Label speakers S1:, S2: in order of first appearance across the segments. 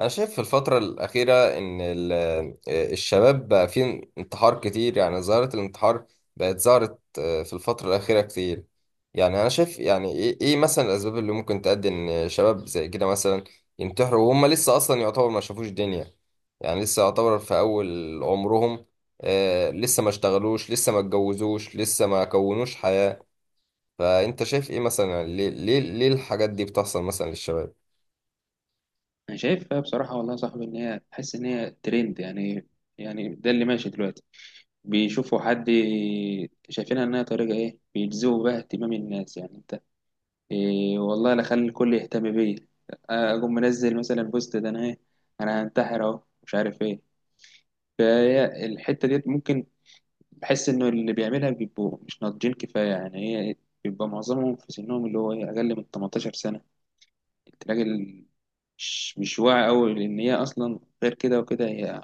S1: أنا شايف في الفترة الأخيرة إن ال- آه، الشباب بقى فيه انتحار كتير. يعني ظاهرة الانتحار بقت ظهرت في الفترة الأخيرة كتير. يعني أنا شايف، يعني إيه مثلا الأسباب اللي ممكن تؤدي إن شباب زي كده مثلا ينتحروا وهم لسه أصلا يعتبر ما شافوش دنيا. يعني لسه يعتبر في أول عمرهم، لسه ما اشتغلوش، لسه ما اتجوزوش، لسه ما كونوش حياة. فأنت شايف إيه مثلا، يعني ليه الحاجات دي بتحصل مثلا للشباب؟
S2: انا شايفها بصراحه والله يا صاحبي ان هي تحس ان هي ترند يعني. يعني ده اللي ماشي دلوقتي. بيشوفوا حد شايفينها انها طريقه ايه بيجذبوا بها اهتمام الناس. يعني انت إيه والله، لا خلي الكل يهتم بيا، اقوم منزل مثلا بوست ده انا ايه، انا هنتحر اهو، مش عارف ايه. فهي الحته ديت ممكن بحس انه اللي بيعملها بيبقوا مش ناضجين كفايه. يعني هي بيبقى معظمهم في سنهم اللي هو إيه، اقل من 18 سنه. كنت راجل مش واعي أوي، لأن هي أصلا غير كده وكده. هي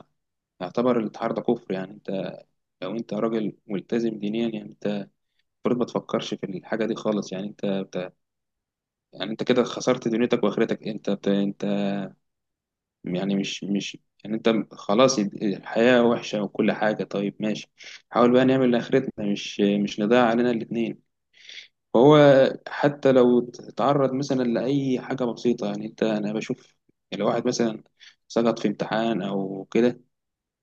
S2: يعتبر الاتحاد ده كفر. يعني أنت لو أنت راجل ملتزم دينيا، يعني أنت المفروض ما تفكرش في الحاجة دي خالص. يعني أنت يعني أنت كده خسرت دنيتك وآخرتك. أنت يعني مش يعني أنت خلاص الحياة وحشة وكل حاجة، طيب ماشي، حاول بقى نعمل لآخرتنا، مش نضيع علينا الاتنين. فهو حتى لو اتعرض مثلا لأي حاجة بسيطة، يعني أنت أنا بشوف لو واحد مثلا سقط في امتحان أو كده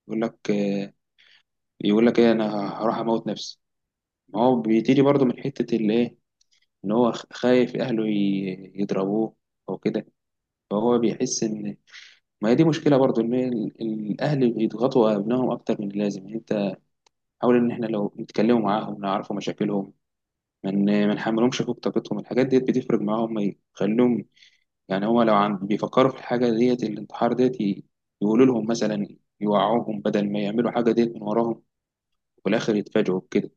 S2: يقول لك آه، يقول لك إيه، أنا هروح أموت نفسي. ما هو بيتيجي برضه من حتة اللي إيه، إن هو خايف أهله يضربوه أو كده. فهو بيحس إن، ما هي دي مشكلة برضه، إن الأهل بيضغطوا أبنائهم أكتر من اللازم. يعني أنت حاول إن إحنا لو نتكلموا معاهم نعرفوا مشاكلهمم، ما نحملهمش فوق طاقتهم. الحاجات دي بتفرق معاهم، ما يخليهم، يعني هو لو عن بيفكروا في الحاجة ديت الانتحار ديت، يقولوا لهم مثلا، يوعوهم بدل ما يعملوا حاجة ديت من وراهم وفي الآخر يتفاجئوا بكده.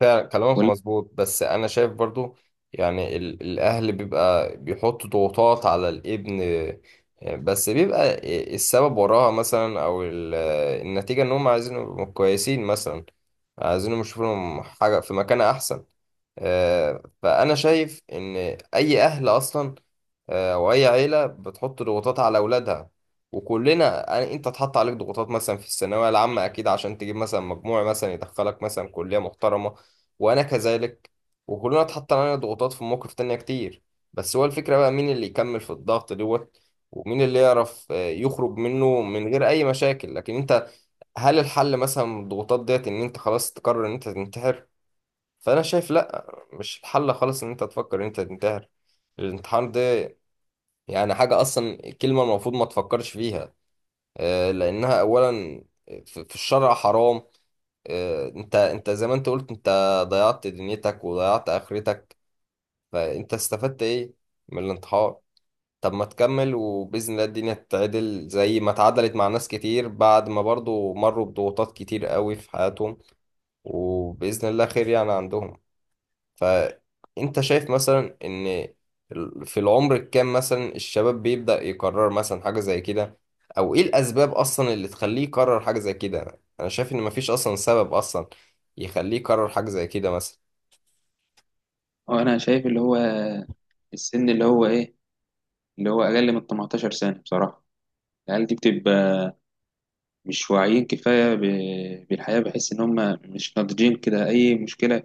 S1: فعلا كلامك
S2: ولا-
S1: مظبوط، بس انا شايف برضو يعني الاهل بيبقى بيحط ضغوطات على الابن، بس بيبقى السبب وراها مثلا، النتيجة ان هم عايزينهم يبقوا كويسين مثلا، عايزينهم يشوفوا لهم حاجة في مكان احسن. فانا شايف ان اي اهل اصلا، واي عيله بتحط ضغوطات على اولادها. وكلنا انت اتحط عليك ضغوطات مثلا في الثانويه العامه، اكيد عشان تجيب مثلا مجموع مثلا يدخلك مثلا كليه محترمه. وانا كذلك. وكلنا اتحط علينا ضغوطات في مواقف تانية كتير. بس هو الفكرة بقى مين اللي يكمل في الضغط دوت، ومين اللي يعرف، يخرج منه من غير اي مشاكل. لكن انت، هل الحل مثلا من الضغوطات ديت ان انت خلاص تقرر ان انت تنتحر؟ فانا شايف لا، مش الحل خالص ان انت تفكر ان انت تنتحر. الانتحار ده يعني حاجة اصلا، كلمة المفروض ما تفكرش فيها، لانها اولا في الشرع حرام. انت، انت زي ما انت قلت، انت ضيعت دنيتك وضيعت اخرتك. فانت استفدت ايه من الانتحار؟ طب ما تكمل، وباذن الله الدنيا تتعدل زي ما اتعدلت مع ناس كتير بعد ما برضو مروا بضغوطات كتير قوي في حياتهم. وباذن الله خير يعني عندهم. فانت شايف مثلا ان في العمر الكام مثلا الشباب بيبدأ يقرر مثلا حاجة زي كده، او ايه الاسباب اصلا اللي تخليه يقرر حاجة زي كده؟ انا شايف ان مفيش اصلا سبب اصلا يخليه يقرر حاجة زي كده مثلا.
S2: وأنا شايف اللي هو السن اللي هو إيه، اللي هو أقل من 18 سنة. بصراحة العيال دي بتبقى مش واعيين كفاية بالحياة. بحس إن هم مش ناضجين كده. أي مشكلة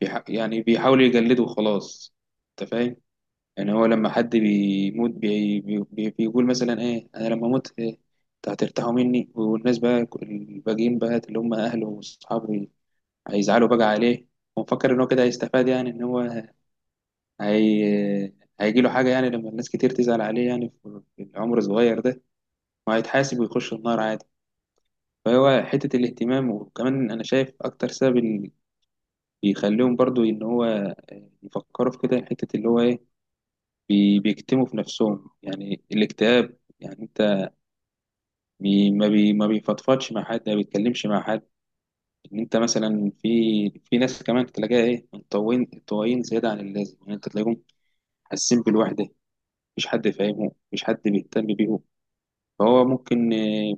S2: يعني بيحاولوا يجلدوا وخلاص. أنت فاهم؟ يعني هو لما حد بيموت بي بي بي بيقول مثلا ايه، انا لما اموت إيه، انتوا هترتاحوا مني، والناس بقى الباقيين بقى اللي هم اهله واصحابه هيزعلوا بقى عليه. ومفكر ان هو كده هيستفاد، يعني ان هو هي هيجي له حاجه يعني لما الناس كتير تزعل عليه، يعني في في العمر الصغير ده وهيتحاسب ويخش النار عادي. فهو حته الاهتمام. وكمان انا شايف اكتر سبب اللي بيخليهم برضو ان هو يفكروا في كده، حته اللي هو ايه، بيكتموا في نفسهم، يعني الاكتئاب. يعني انت بي ما بي ما بيفضفضش مع حد، ما بيتكلمش مع حد. ان انت مثلا في، في ناس كمان تلاقيها ايه منطوين طوايين زياده عن اللازم. يعني انت تلاقيهم حاسين بالوحده، مفيش حد فاهمهم، مفيش حد بيهتم بيهم. فهو ممكن آه،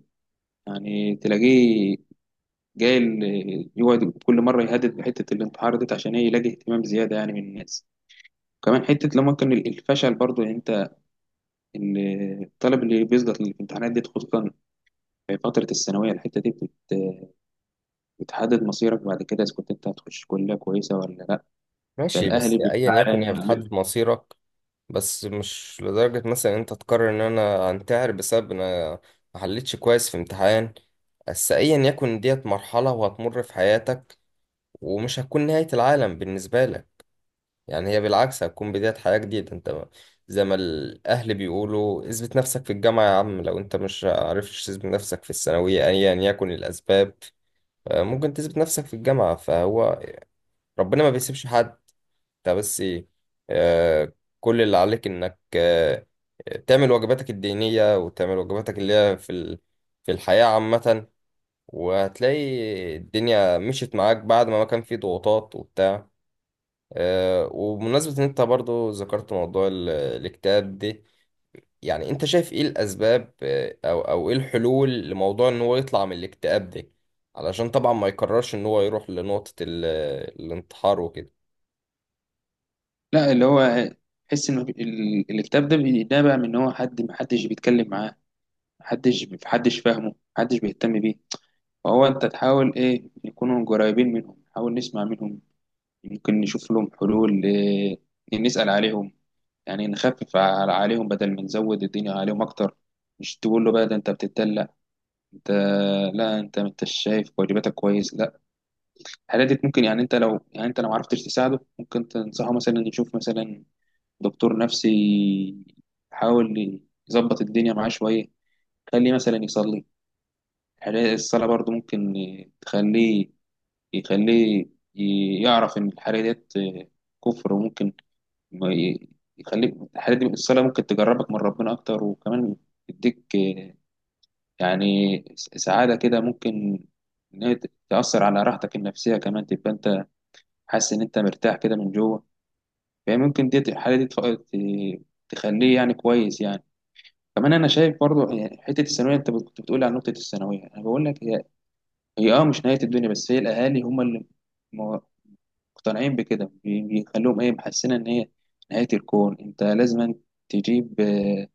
S2: يعني تلاقيه جاي يقعد كل مره يهدد بحته الانتحار دي عشان ايه، يلاقي اهتمام زياده يعني من الناس. كمان حته لما ممكن الفشل برضو، يعني انت ال- الطالب اللي بيسقط في الامتحانات دي، خصوصا في فترة الثانوية. الحتة دي بتحدد مصيرك بعد كده، إذا كنت أنت هتخش كلية كويسة ولا لأ.
S1: ماشي،
S2: فالأهلي
S1: بس ايا
S2: بيبقى
S1: يكن هي
S2: على-
S1: بتحدد مصيرك، بس مش لدرجة مثلا انت تقرر ان انا انتحر بسبب ان انا ما حلتش كويس في امتحان. بس ايا يكن، ديت مرحلة وهتمر في حياتك، ومش هتكون نهاية العالم بالنسبة لك. يعني هي بالعكس هتكون بداية حياة جديدة. انت ما- زي ما الاهل بيقولوا، اثبت نفسك في الجامعة يا عم. لو انت مش عرفتش تثبت نفسك في الثانوية ايا يكن الاسباب، ممكن تثبت نفسك في الجامعة. فهو ربنا ما بيسيبش حد. انت بس ايه، آه، كل اللي عليك انك آه، تعمل واجباتك الدينية، وتعمل واجباتك اللي هي في الحياة عامة. وهتلاقي الدنيا مشيت معاك بعد ما ما كان في ضغوطات وبتاع. آه، وبمناسبة ان انت برضو ذكرت موضوع الاكتئاب دي، يعني انت شايف ايه الاسباب، او ايه الحلول لموضوع ان هو يطلع من الاكتئاب ده؟ علشان طبعا ما يكررش ان هو يروح لنقطة الانتحار وكده.
S2: لا اللي هو تحس إن الاكتئاب ده بينبع من إن هو حد بيتكلم معاه، محدش فاهمه، محدش بيهتم بيه. فهو أنت تحاول إيه، نكونوا قريبين منهم، نحاول نسمع منهم، يمكن نشوف لهم حلول إيه، نسأل عليهم. يعني نخفف عليهم بدل ما نزود الدنيا عليهم أكتر. مش تقول له بقى، ده أنت بتتدلع، انت، لا انت، انت شايف واجباتك كويس؟ لا، الحاجات دي ممكن، يعني انت لو، يعني انت لو ما عرفتش تساعده، ممكن تنصحه مثلا يشوف مثلا دكتور نفسي، يحاول يظبط الدنيا معاه شويه. خليه مثلا يصلي. الصلاه برضو ممكن تخليه، يخليه يعرف ان الحاجه ديت كفر. وممكن ما ي- يخليك. الحاجات دي، الصلاه، ممكن تجربك من ربنا اكتر، وكمان تديك يعني سعادة كده. ممكن إن هي تأثر على راحتك النفسية، كمان تبقى أنت حاسس إن أنت مرتاح كده من جوه. فهي ممكن دي الحالة دي تخليه يعني كويس يعني. كمان أنا شايف برضو يعني حتة الثانوية، أنت كنت بتقول عن نقطة الثانوية، أنا بقول لك هي، هي أه مش نهاية الدنيا، بس هي الأهالي هم اللي م- مقتنعين بكده، بيخلوهم إيه محسنة إن هي نهاية الكون. أنت لازم تجيب آه،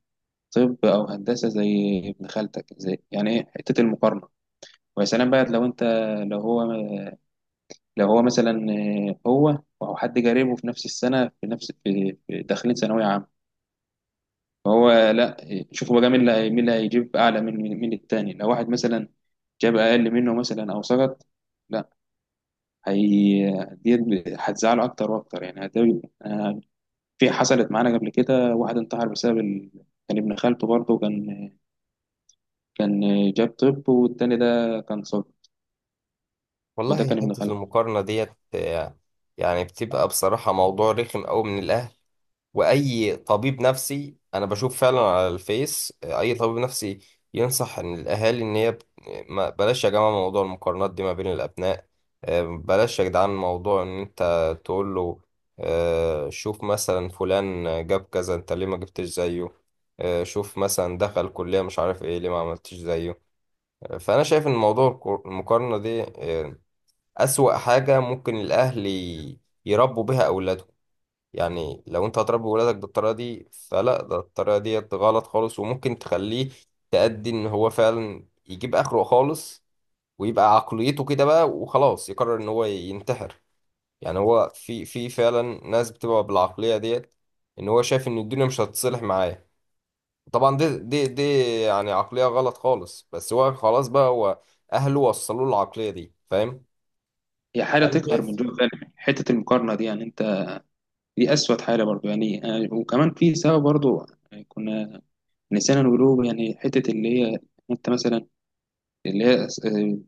S2: طب أو هندسة زي ابن خالتك. زي يعني إيه حتة المقارنة. ويا سلام بقى لو انت، لو هو لو هو مثلا آه، هو او حد قريبه في نفس السنه، في نفس، في في داخلين ثانويه عامه. فهو لا آه، شوفوا بقى مين مين اللي هيجيب اعلى من من التاني. لو واحد مثلا جاب اقل منه مثلا او سقط، لا، هي دي هتزعله اكتر واكتر، يعني هتبقى آه، في حصلت معانا قبل كده واحد انتحر بسبب كان ابن خالته برضه. كان جاب طب، والتاني ده كان صب، وده
S1: والله
S2: كان ابن
S1: حتة
S2: خالته.
S1: المقارنة ديت، يعني بتبقى بصراحة موضوع رخم أوي من الأهل. وأي طبيب نفسي أنا بشوف فعلا على الفيس، أي طبيب نفسي ينصح إن الأهالي إن هي بلاش يا جماعة موضوع المقارنات دي ما بين الأبناء. بلاش يا جدعان موضوع إن أنت تقول له، شوف مثلا فلان جاب كذا، أنت ليه ما جبتش زيه؟ شوف مثلا دخل كلية مش عارف إيه، ليه ما عملتش زيه؟ فأنا شايف إن موضوع المقارنة دي، أسوأ حاجة ممكن الأهل يربوا بها أولادهم. يعني لو أنت هتربي ولادك بالطريقة دي، فلا، ده الطريقة دي غلط خالص، وممكن تخليه تأدي إن هو فعلا يجيب آخره خالص، ويبقى عقليته كده بقى وخلاص يقرر إن هو ينتحر. يعني هو في فعلا ناس بتبقى بالعقلية ديت، إن هو شايف إن الدنيا مش هتصلح معاه. طبعا دي يعني عقلية غلط خالص، بس هو خلاص بقى، هو أهله وصلوا له العقلية دي، فاهم؟
S2: هي حاجه
S1: أنا
S2: تقهر من
S1: شايف
S2: جوه فعلا حته المقارنه دي. يعني انت دي أسود حالة برضو يعني آه. وكمان في سبب برضو آه، كنا نسينا نقوله، يعني حتة اللي هي، أنت مثلا، اللي هي آه،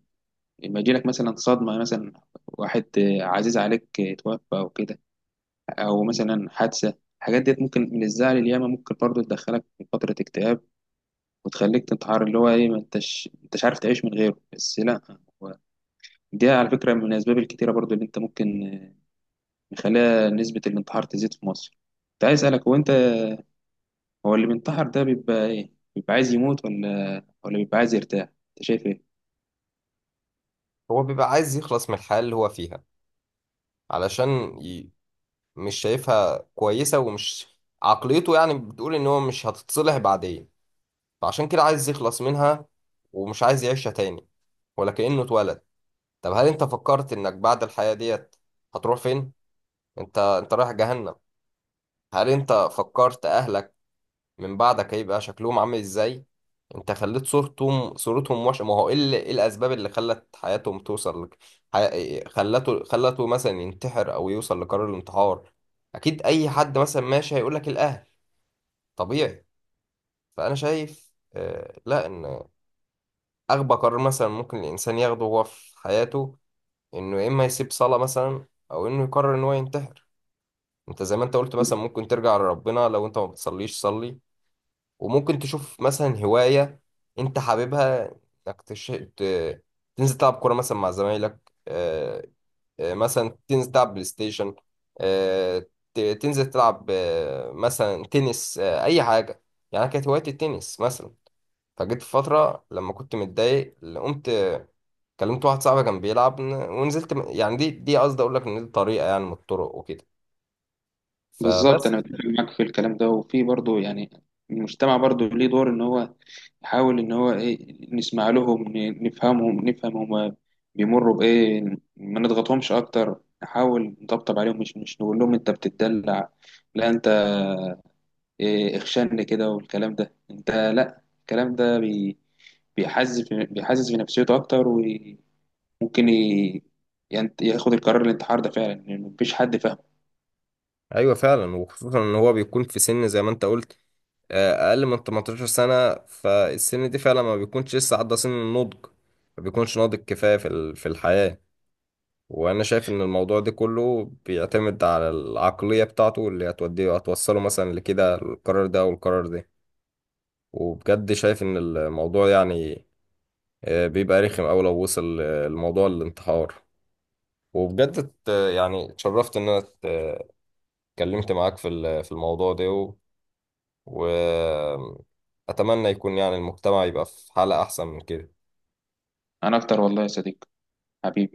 S2: لما يجيلك مثلا صدمة مثلا، واحد آه، عزيز عليك آه، توفى أو كده، أو مثلا حادثة. الحاجات ديت ممكن من الزعل الياما ممكن برضو تدخلك في فترة اكتئاب وتخليك تنتحر، اللي هو إيه، ما أنتش عارف تعيش من غيره. بس لأ هو دي على فكرة من الأسباب الكتيرة برضو اللي أنت ممكن آه، مخليها نسبة الانتحار تزيد في مصر. كنت عايز أسألك، هو أنت، هو اللي بينتحر ده بيبقى ايه، بيبقى عايز يموت ولا بيبقى عايز يرتاح؟ انت شايف ايه؟
S1: هو بيبقى عايز يخلص من الحياة اللي هو فيها، علشان مش شايفها كويسة ومش، عقليته يعني بتقول ان هو مش هتتصلح بعدين، فعشان كده عايز يخلص منها ومش عايز يعيشها تاني، ولا كأنه اتولد. طب هل انت فكرت انك بعد الحياة ديت هتروح فين؟ انت، انت رايح جهنم. هل انت فكرت اهلك من بعدك هيبقى شكلهم عامل ازاي؟ انت خليت صورتهم وحشه. ما هو ايه إيه الاسباب اللي خلت حياتهم توصل لك، خلته مثلا ينتحر او يوصل لقرار الانتحار. اكيد اي حد مثلا ماشي هيقول لك الاهل، طبيعي. فانا شايف آه لا، ان اغبى قرار مثلا ممكن الانسان ياخده هو في حياته، انه يا اما يسيب صلاه مثلا، او انه يقرر ان هو ينتحر. انت زي ما انت قلت، مثلا ممكن ترجع لربنا، لو انت ما بتصليش صلي، وممكن تشوف مثلا هواية انت حاببها، انك ت... تنزل تلعب كورة مثلا مع زمايلك، آه، آه، مثلا تنزل تلعب بلاي ستيشن، آه، تنزل تلعب، آه، مثلا تنس، آه، اي حاجة. يعني أنا كانت هوايتي التنس مثلا، فجيت في فترة لما كنت متضايق، قمت كلمت واحد صاحبي كان بيلعب، ونزلت يعني دي قصدي اقول لك ان دي طريقة يعني من الطرق وكده.
S2: بالظبط،
S1: فبس،
S2: انا متفق معاك في الكلام ده. وفي برضه يعني المجتمع برضه ليه دور ان هو يحاول ان هو ايه، نسمع لهم، نفهمهم، نفهم هما بيمروا بايه، ما نضغطهمش اكتر، نحاول نطبطب عليهم، مش نقول لهم انت بتدلع، لا انت إيه اخشن كده والكلام ده. انت لا، الكلام ده بيحزز في نفسيته اكتر. ممكن يعني ياخد القرار الانتحار ده فعلا، لأن مفيش حد فاهمه.
S1: ايوه فعلا. وخصوصا ان هو بيكون في سن زي ما انت قلت، اقل من 18 سنه. فالسن دي فعلا ما بيكونش لسه عدى سن النضج، ما بيكونش ناضج كفايه في الحياه. وانا شايف ان الموضوع ده كله بيعتمد على العقليه بتاعته اللي هتوصله مثلا لكده القرار ده او القرار ده. وبجد شايف ان الموضوع يعني، بيبقى رخم اوي لو وصل، الموضوع للانتحار. وبجد ات- يعني اتشرفت ان انا اتكلمت معاك في الموضوع ده. وأتمنى يكون يعني المجتمع يبقى في حالة أحسن من كده.
S2: انا اكتر والله يا صديقي، حبيبي.